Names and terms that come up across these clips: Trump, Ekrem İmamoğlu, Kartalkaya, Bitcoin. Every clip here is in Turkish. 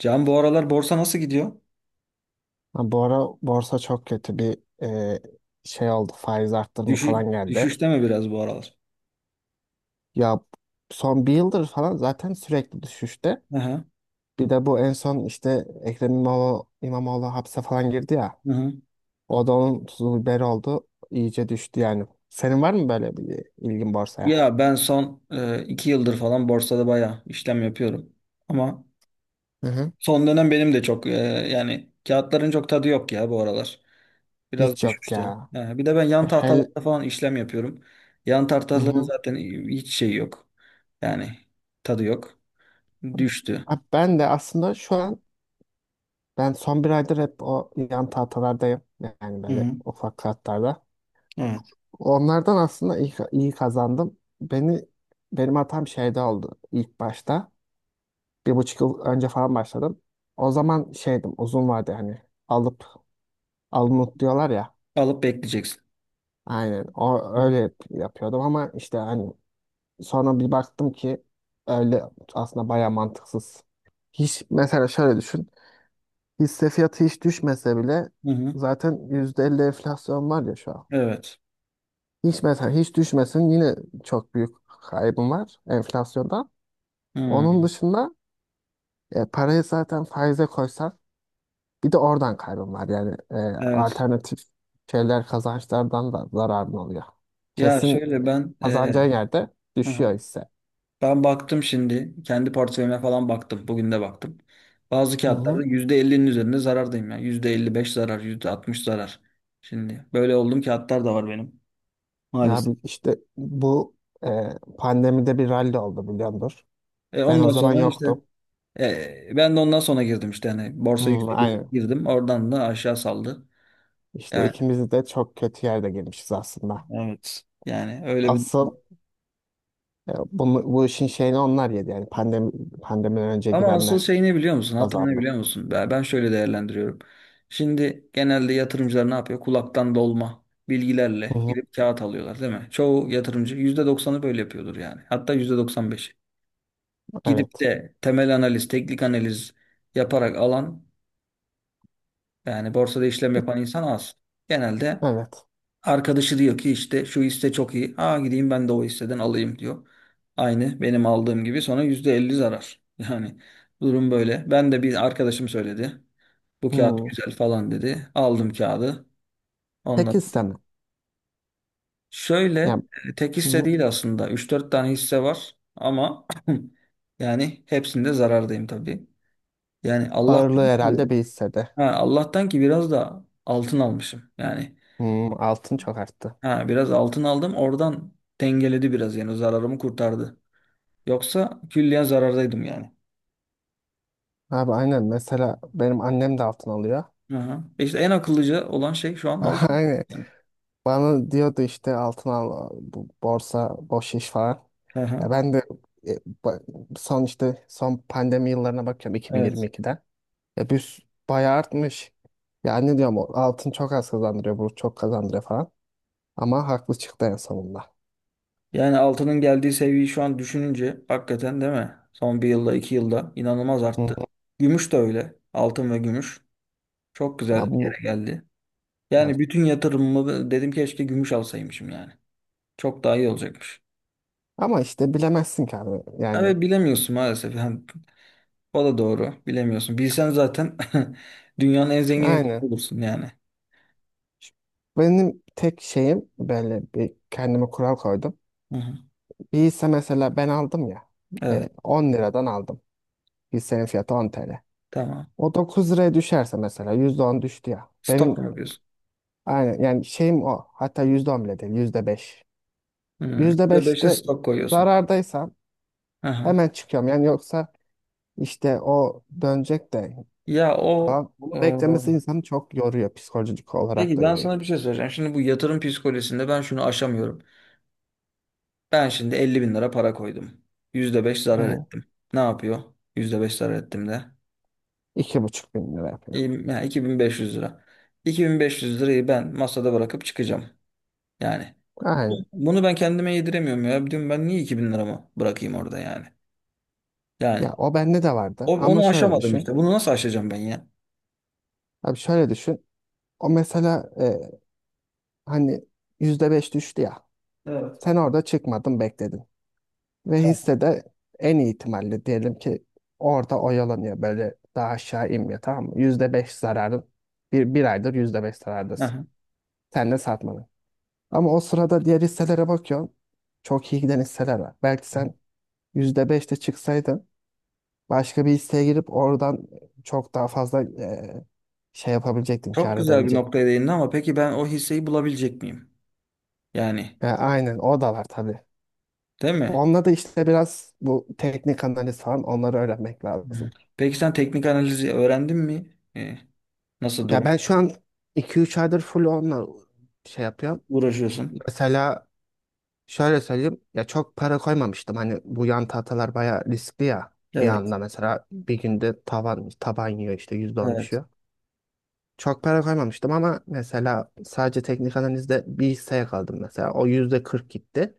Can, bu aralar borsa nasıl gidiyor? Ha, bu ara borsa çok kötü bir e, şey oldu. Faiz arttırımı Düşü, falan geldi. düşüşte mi biraz bu aralar? Ya son bir yıldır falan zaten sürekli düşüşte. Hı hı. Bir de bu en son işte Ekrem İmamoğlu hapse falan girdi ya. Hı hı. O da onun tuzu biberi oldu. İyice düştü yani. Senin var mı böyle bir ilgin borsaya? Ya ben son iki yıldır falan borsada bayağı işlem yapıyorum. Ama Hı hı. son dönem benim de çok yani kağıtların çok tadı yok ya bu aralar. Biraz Hiç yok düşüşte. ya. Ha, bir de ben yan Hel tahtalarda falan işlem yapıyorum. Yan hı tahtaların hı. zaten hiç şey yok. Yani tadı yok. Düştü. Ha, ben de aslında şu an ben son bir aydır hep o yan tahtalardayım. Yani Hı böyle hı. ufak kağıtlarda. Evet. Onlardan aslında iyi, iyi kazandım. Benim hatam şeyde oldu ilk başta. 1,5 yıl önce falan başladım. O zaman şeydim uzun vardı hani alıp alınıp diyorlar ya. Alıp bekleyeceksin. Aynen o Hı hı. öyle yapıyordum ama işte hani sonra bir baktım ki öyle aslında baya mantıksız. Hiç mesela şöyle düşün. Hisse fiyatı hiç düşmese bile Hı. Hı. zaten %50 enflasyon var ya şu an. Evet. Hiç mesela hiç düşmesin yine çok büyük kaybım var enflasyonda. Onun Hı. dışında parayı zaten faize koysan bir de oradan kaybın var. Yani Evet. alternatif şeyler kazançlardan da zararın oluyor. Ya Kesin şöyle e, ben... kazanacağın yerde Hı hı. düşüyor hisse. Ben baktım şimdi. Kendi portföyüme falan baktım. Bugün de baktım. Bazı Hı kağıtlarda hı. yüzde elli'nin üzerinde zarardayım. Yani beş zarar, %60 zarar. Şimdi böyle olduğum kağıtlar da var benim. Ya Maalesef. İşte bu e, pandemide bir rally oldu biliyordur. E Ben o ondan zaman sonra işte yoktum. Ben de ondan sonra girdim işte. Yani Hı, borsa yükseldi aynen. girdim. Oradan da aşağı saldı. İşte Yani ikimiz de çok kötü yerde girmişiz aslında. evet. Yani öyle bir... Asıl bu işin şeyini onlar yedi. Yani pandemiden önce Ama asıl girenler şey ne biliyor musun? Hata ne kazandı. biliyor musun? Ben şöyle değerlendiriyorum. Şimdi genelde yatırımcılar ne yapıyor? Kulaktan dolma Hı bilgilerle hı. gidip kağıt alıyorlar, değil mi? Çoğu yatırımcı yüzde doksanı böyle yapıyordur yani. Hatta %95'i. Gidip Evet. de temel analiz, teknik analiz yaparak alan, yani borsada işlem yapan insan az. Genelde Evet. arkadaşı diyor ki işte şu hisse çok iyi. Aa, gideyim ben de o hisseden alayım diyor. Aynı benim aldığım gibi sonra %50 zarar. Yani durum böyle. Ben de bir arkadaşım söyledi. Bu kağıt Hmm. güzel falan dedi. Aldım kağıdı. Ondan Tek hisse sonra... mi? Şöyle Yani tek hisse bu değil aslında. Üç dört tane hisse var ama yani hepsinde zarardayım tabii. Yani ağırlığı Allah'tan herhalde ki bir hissede. ha, Allah'tan ki biraz da altın almışım. Yani Hmm, altın çok arttı. ha, biraz altın aldım oradan, dengeledi biraz yani zararımı kurtardı. Yoksa külliyen zarardaydım yani. Abi aynen mesela benim annem de altın alıyor. Aha. İşte en akıllıca olan şey şu an altın. Aynen. Yani. Bana diyordu işte altın al bu borsa boş iş falan. Aha. Ya ben de e, ba- son işte son pandemi yıllarına bakıyorum Evet. 2022'den. Ya bayağı artmış. Ya anne diyorum o altın çok az kazandırıyor bu çok kazandırıyor falan. Ama haklı çıktı en sonunda. Yani altının geldiği seviyeyi şu an düşününce hakikaten değil mi? Son bir yılda iki yılda inanılmaz Hı arttı. hı. Gümüş de öyle. Altın ve gümüş. Çok Ya güzel bir yere geldi. ya- Yani bütün yatırımımı dedim keşke gümüş alsaymışım yani. Çok daha iyi olacakmış. ama işte bilemezsin ki abi yani. Evet, bilemiyorsun maalesef. Yani o da doğru. Bilemiyorsun. Bilsen zaten dünyanın en zengin insanı Aynen. olursun yani. Benim tek şeyim böyle bir kendime kural koydum. Hı hı. Bir hisse mesela ben aldım ya Evet, 10 liradan aldım. Hissenin fiyatı 10 TL. tamam. O 9 liraya düşerse mesela %10 düştü ya. Stok Benim mu yapıyorsun? aynen yani şeyim o. Hatta %10 bile değil %5. Hı. Yüzde %5'e beşte stok koyuyorsun. zarardaysam Hı hı. hemen çıkıyorum. Yani yoksa işte o dönecek de Ya o falan. Bunu e, beklemesi insanı çok yoruyor. Psikolojik olarak peki da ben yoruyor. sana bir şey söyleyeceğim. Şimdi bu yatırım psikolojisinde ben şunu aşamıyorum. Ben şimdi 50 bin lira para koydum. %5 zarar Hı. ettim. Ne yapıyor? %5 zarar ettim de. İki buçuk bin lira yapıyor. İyiyim, yani 2500 lira. 2500 lirayı ben masada bırakıp çıkacağım. Yani Aynen. bunu ben kendime yediremiyorum ya. Diyorum ben niye 2000 liramı bırakayım orada yani. Yani Ya o bende de vardı ama onu şöyle aşamadım düşün. işte. Bunu nasıl aşacağım ben ya? Abi şöyle düşün. O mesela hani %5 düştü ya. Evet. Sen orada çıkmadın bekledin. Ve Tamam. hissede en iyi ihtimalle diyelim ki orada oyalanıyor böyle daha aşağı inmiyor tamam mı? %5 zararın. Bir aydır %5 zarardasın. Aha. Sen de satmadın. Ama o sırada diğer hisselere bakıyorsun. Çok iyi giden hisseler var. Belki sen %5'te çıksaydın başka bir hisseye girip oradan çok daha fazla şey yapabilecektin, Çok kâr güzel bir edebilecektin. noktaya değindin ama peki ben o hisseyi bulabilecek miyim? Yani, Ya aynen o da var tabii. değil mi? Onunla da işte biraz bu teknik analiz falan onları öğrenmek Hı. lazım. Peki sen teknik analizi öğrendin mi? Ee, nasıl Ya durum? ben şu an iki üç aydır full onunla şey yapıyorum. Uğraşıyorsun. Mesela şöyle söyleyeyim. Ya çok para koymamıştım. Hani bu yan tahtalar bayağı riskli ya. Bir Evet, anda mesela bir günde tavan taban yiyor işte %10 evet. düşüyor. Çok para koymamıştım ama mesela sadece teknik analizde bir hisseye kaldım mesela. O %40 gitti.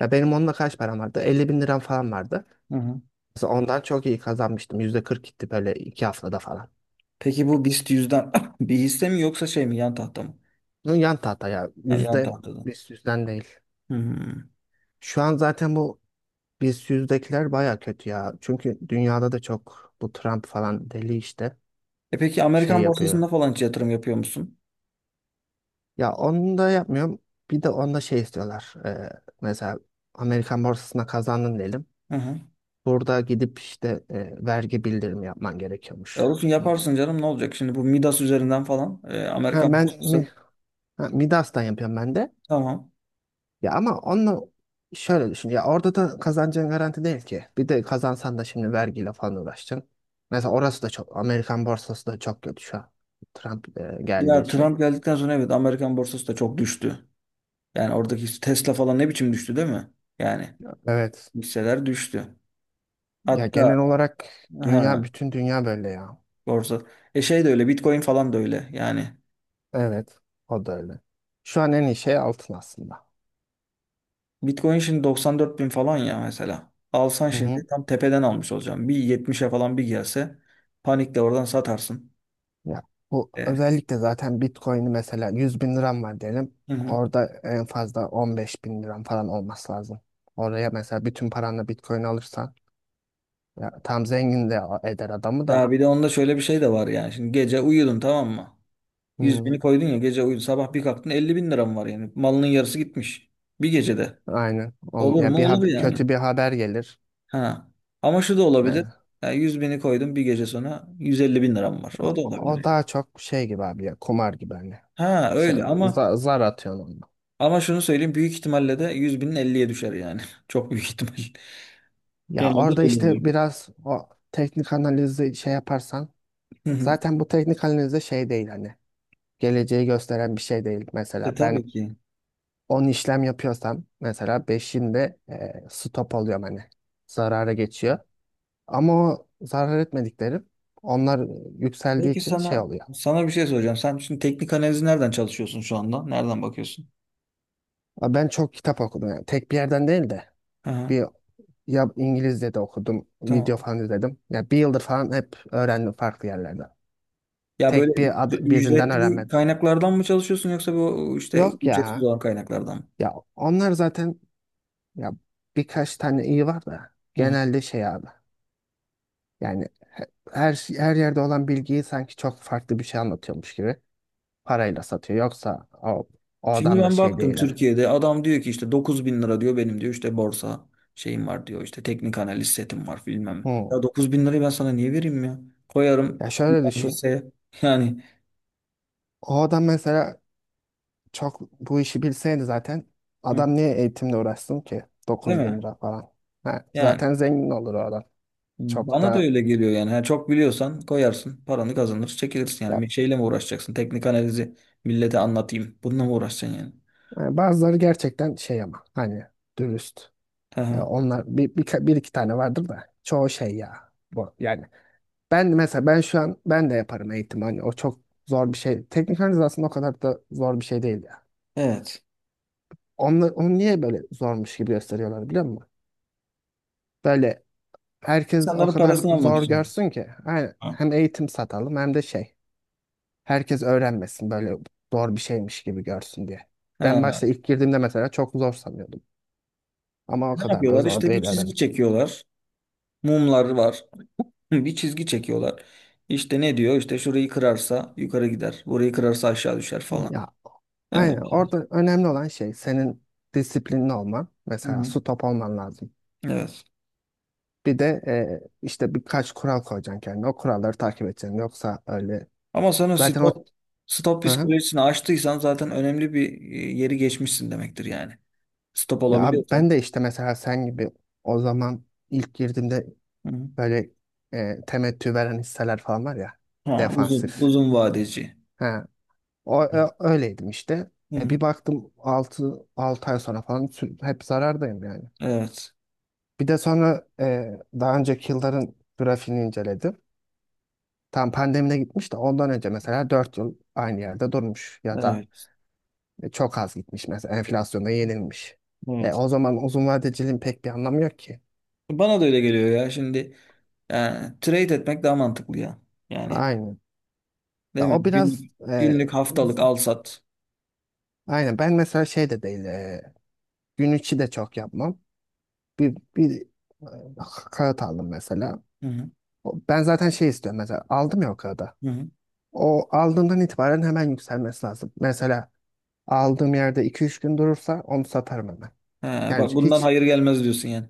Ya benim onunla kaç param vardı? 50 bin liram falan vardı. Hı hı. Mesela ondan çok iyi kazanmıştım. %40 gitti böyle 2 haftada falan. Peki bu BIST yüzden bir hisse mi, yoksa şey mi, yan tahta mı? Bunun yan tahta ya. Ha, yan Yüzde tahtada. biz yüzden değil. Hı. Şu an zaten bu biz yüzdekiler baya kötü ya. Çünkü dünyada da çok bu Trump falan deli işte E peki şey Amerikan yapıyor. borsasında falan hiç yatırım yapıyor musun? Ya onu da yapmıyorum. Bir de onda şey istiyorlar. Mesela Amerikan borsasına kazandın diyelim. Hı hı. Burada gidip işte vergi bildirimi yapman E gerekiyormuş. olsun, Hani yaparsın canım, ne olacak şimdi bu Midas üzerinden falan ha, Amerikan borsası, Midas'tan yapıyorum ben de. tamam. Ya ama onunla şöyle düşün. Ya orada da kazancın garanti değil ki. Bir de kazansan da şimdi vergiyle falan uğraşacaksın. Mesela orası da Amerikan borsası da çok kötü şu an. Trump geldiği Ya için. Trump geldikten sonra evet, Amerikan borsası da çok düştü. Yani oradaki Tesla falan ne biçim düştü, değil mi? Yani Evet. hisseler düştü. Ya Hatta genel olarak he, bütün dünya böyle ya. borsa. E şey de öyle, Bitcoin falan da öyle yani. Evet. O da öyle. Şu an en iyi şey altın aslında. Bitcoin şimdi 94 bin falan ya mesela. Alsan Hı şimdi hı. tam tepeden almış olacağım. Bir 70'e falan bir gelse panikle oradan satarsın. Ya bu E, özellikle zaten Bitcoin'i mesela 100 bin liram var diyelim. hı hı. Orada en fazla 15 bin liram falan olması lazım. Oraya mesela bütün paranla Bitcoin alırsan ya, tam zengin de eder adamı Ya da. bir de onda şöyle bir şey de var yani. Şimdi gece uyudun, tamam mı? 100 Hmm, bini koydun ya, gece uyudun. Sabah bir kalktın 50 bin liram var yani. Malının yarısı gitmiş. Bir gecede. aynen. Ol- Olur ya mu? Olur yani. kötü bir haber gelir. Ha. Ama şu da olabilir. Ne- Ya 100 bini koydum, bir gece sonra 150 bin liram var. O da O, olabilir o yani. daha çok şey gibi abi ya kumar gibi hani. Ha Şey, öyle, ama zar atıyorsun onunla. Ama şunu söyleyeyim, büyük ihtimalle de 100 binin elliye düşer yani. Çok büyük ihtimal. Ya Genelde orada öyle oluyor. işte biraz o teknik analizi şey yaparsan Hı hı. zaten bu teknik analiz de şey değil hani. Geleceği gösteren bir şey değil. Mesela E tabii ben ki. 10 işlem yapıyorsam mesela 5'inde stop oluyorum hani. Zarara geçiyor. Ama o zarar etmediklerim onlar yükseldiği Peki için şey sana oluyor. sana bir şey soracağım. Sen şimdi teknik analizi nereden çalışıyorsun şu anda? Nereden bakıyorsun? Ben çok kitap okudum yani. Tek bir yerden değil de Hı hı. bir ya İngilizce de okudum, video Tamam. falan izledim. Ya bir yıldır falan hep öğrendim farklı yerlerden. Ya böyle Tek bir birinden ücretli öğrenmedim. kaynaklardan mı çalışıyorsun, yoksa bu işte Yok ücretsiz ya. olan kaynaklardan Ya onlar zaten ya birkaç tane iyi var da mı? genelde şey abi. Yani her yerde olan bilgiyi sanki çok farklı bir şey anlatıyormuş gibi parayla satıyor. Yoksa o Şimdi adam da ben şey baktım, değil hani. Türkiye'de adam diyor ki işte 9 bin lira diyor, benim diyor işte borsa şeyim var diyor, işte teknik analiz setim var, bilmem ne. Ya Hmm. 9 bin lirayı ben sana niye vereyim ya? Koyarım Ya bir şöyle tane düşün. hisseye yani. O adam mesela çok bu işi bilseydi zaten Hı. adam niye eğitimle uğraşsın ki? Değil 9000 bin mi? lira falan. Ha, Yani zaten zengin olur o adam. Çok bana da da öyle geliyor yani. Ha, çok biliyorsan koyarsın paranı, kazanır çekilirsin yani. ya, Bir şeyle mi uğraşacaksın? Teknik analizi millete anlatayım. Bununla mı uğraşacaksın yani? yani bazıları gerçekten şey ama hani dürüst. Hı Ya hı. onlar bir iki tane vardır da çoğu şey ya. Bu, yani ben mesela ben şu an ben de yaparım eğitim hani o çok zor bir şey. Teknik analiz aslında o kadar da zor bir şey değil ya. Evet. Onu niye böyle zormuş gibi gösteriyorlar biliyor musun? Böyle herkes o İnsanların kadar parasını almak zor için. görsün ki. Aynen. Ha. Hem eğitim satalım hem de şey. Herkes öğrenmesin böyle zor bir şeymiş gibi görsün diye. Ben başta Ha. ilk girdiğimde mesela çok zor sanıyordum. Ama o Ne kadar da yapıyorlar? zor İşte bir değil çizgi öğrendim. çekiyorlar. Mumlar var. Hı, bir çizgi çekiyorlar. İşte ne diyor? İşte şurayı kırarsa yukarı gider. Burayı kırarsa aşağı düşer falan. Ya Öyle aynen bir şey. orada önemli olan şey senin disiplinli olman. Hı Mesela hı. su top olman lazım. Evet. Bir de işte birkaç kural koyacaksın kendine. O kuralları takip edeceksin. Yoksa öyle Ama sen o zaten o... stop Hı hı. psikolojisini aştıysan zaten önemli bir yeri geçmişsin demektir yani. Stop Ya abi olabiliyorsan. ben de işte mesela sen gibi o zaman ilk girdiğimde Hı hı. böyle temettü veren hisseler falan var ya. Ha, uzun, Defansif. uzun vadeci. Ha, öyleydim işte. Hı E, hı. bir baktım 6 ay sonra falan hep zarardayım yani. Evet. Bir de sonra daha önceki yılların grafiğini inceledim. Tam pandemide gitmiş de ondan önce mesela 4 yıl aynı yerde durmuş ya da Evet. Çok az gitmiş mesela enflasyonda yenilmiş. E, Evet. o zaman uzun vadeciliğin pek bir anlamı yok ki. Bana da öyle geliyor ya. Şimdi yani, trade etmek daha mantıklı ya. Yani, Aynen. değil Ya mi? o biraz Günlük, e, günlük haftalık al sat. aynen ben mesela şey de değil gün içi de çok yapmam. Bir kağıt aldım mesela. Hı hı. Ben zaten şey istiyorum mesela aldım ya o kağıdı. Hı hı. O aldığımdan itibaren hemen yükselmesi lazım. Mesela aldığım yerde iki üç gün durursa onu satarım hemen. He, Yani bak bundan hiç hayır gelmez diyorsun yani.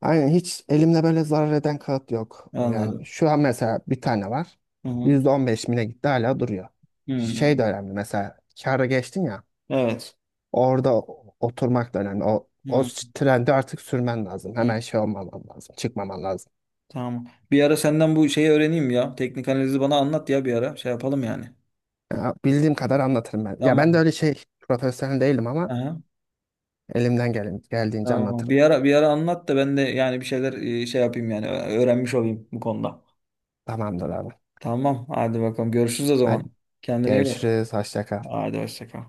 aynen hiç elimde böyle zarar eden kağıt yok. Anladım. Yani şu an mesela bir tane var. Hı hı. %15 mine gitti hala duruyor. Hı. Şey de önemli mesela kâra geçtin ya Evet. orada oturmak da önemli. O Hı. trendi artık sürmen lazım. Hı. Hemen şey olmaman lazım. Çıkmaman lazım. Tamam. Bir ara senden bu şeyi öğreneyim ya. Teknik analizi bana anlat ya bir ara. Şey yapalım yani. Ya, bildiğim kadar anlatırım ben. Ya ben de Tamam. öyle şey profesyonel değilim ama Aha. elimden geldiğince Tamam. anlatırım. Bir ara bir ara anlat da ben de yani bir şeyler şey yapayım yani, öğrenmiş olayım bu konuda. Tamamdır abi. Tamam. Hadi bakalım. Görüşürüz o Hadi zaman. Kendine iyi bak. görüşürüz. Hoşça kal. Hadi hoşça kal.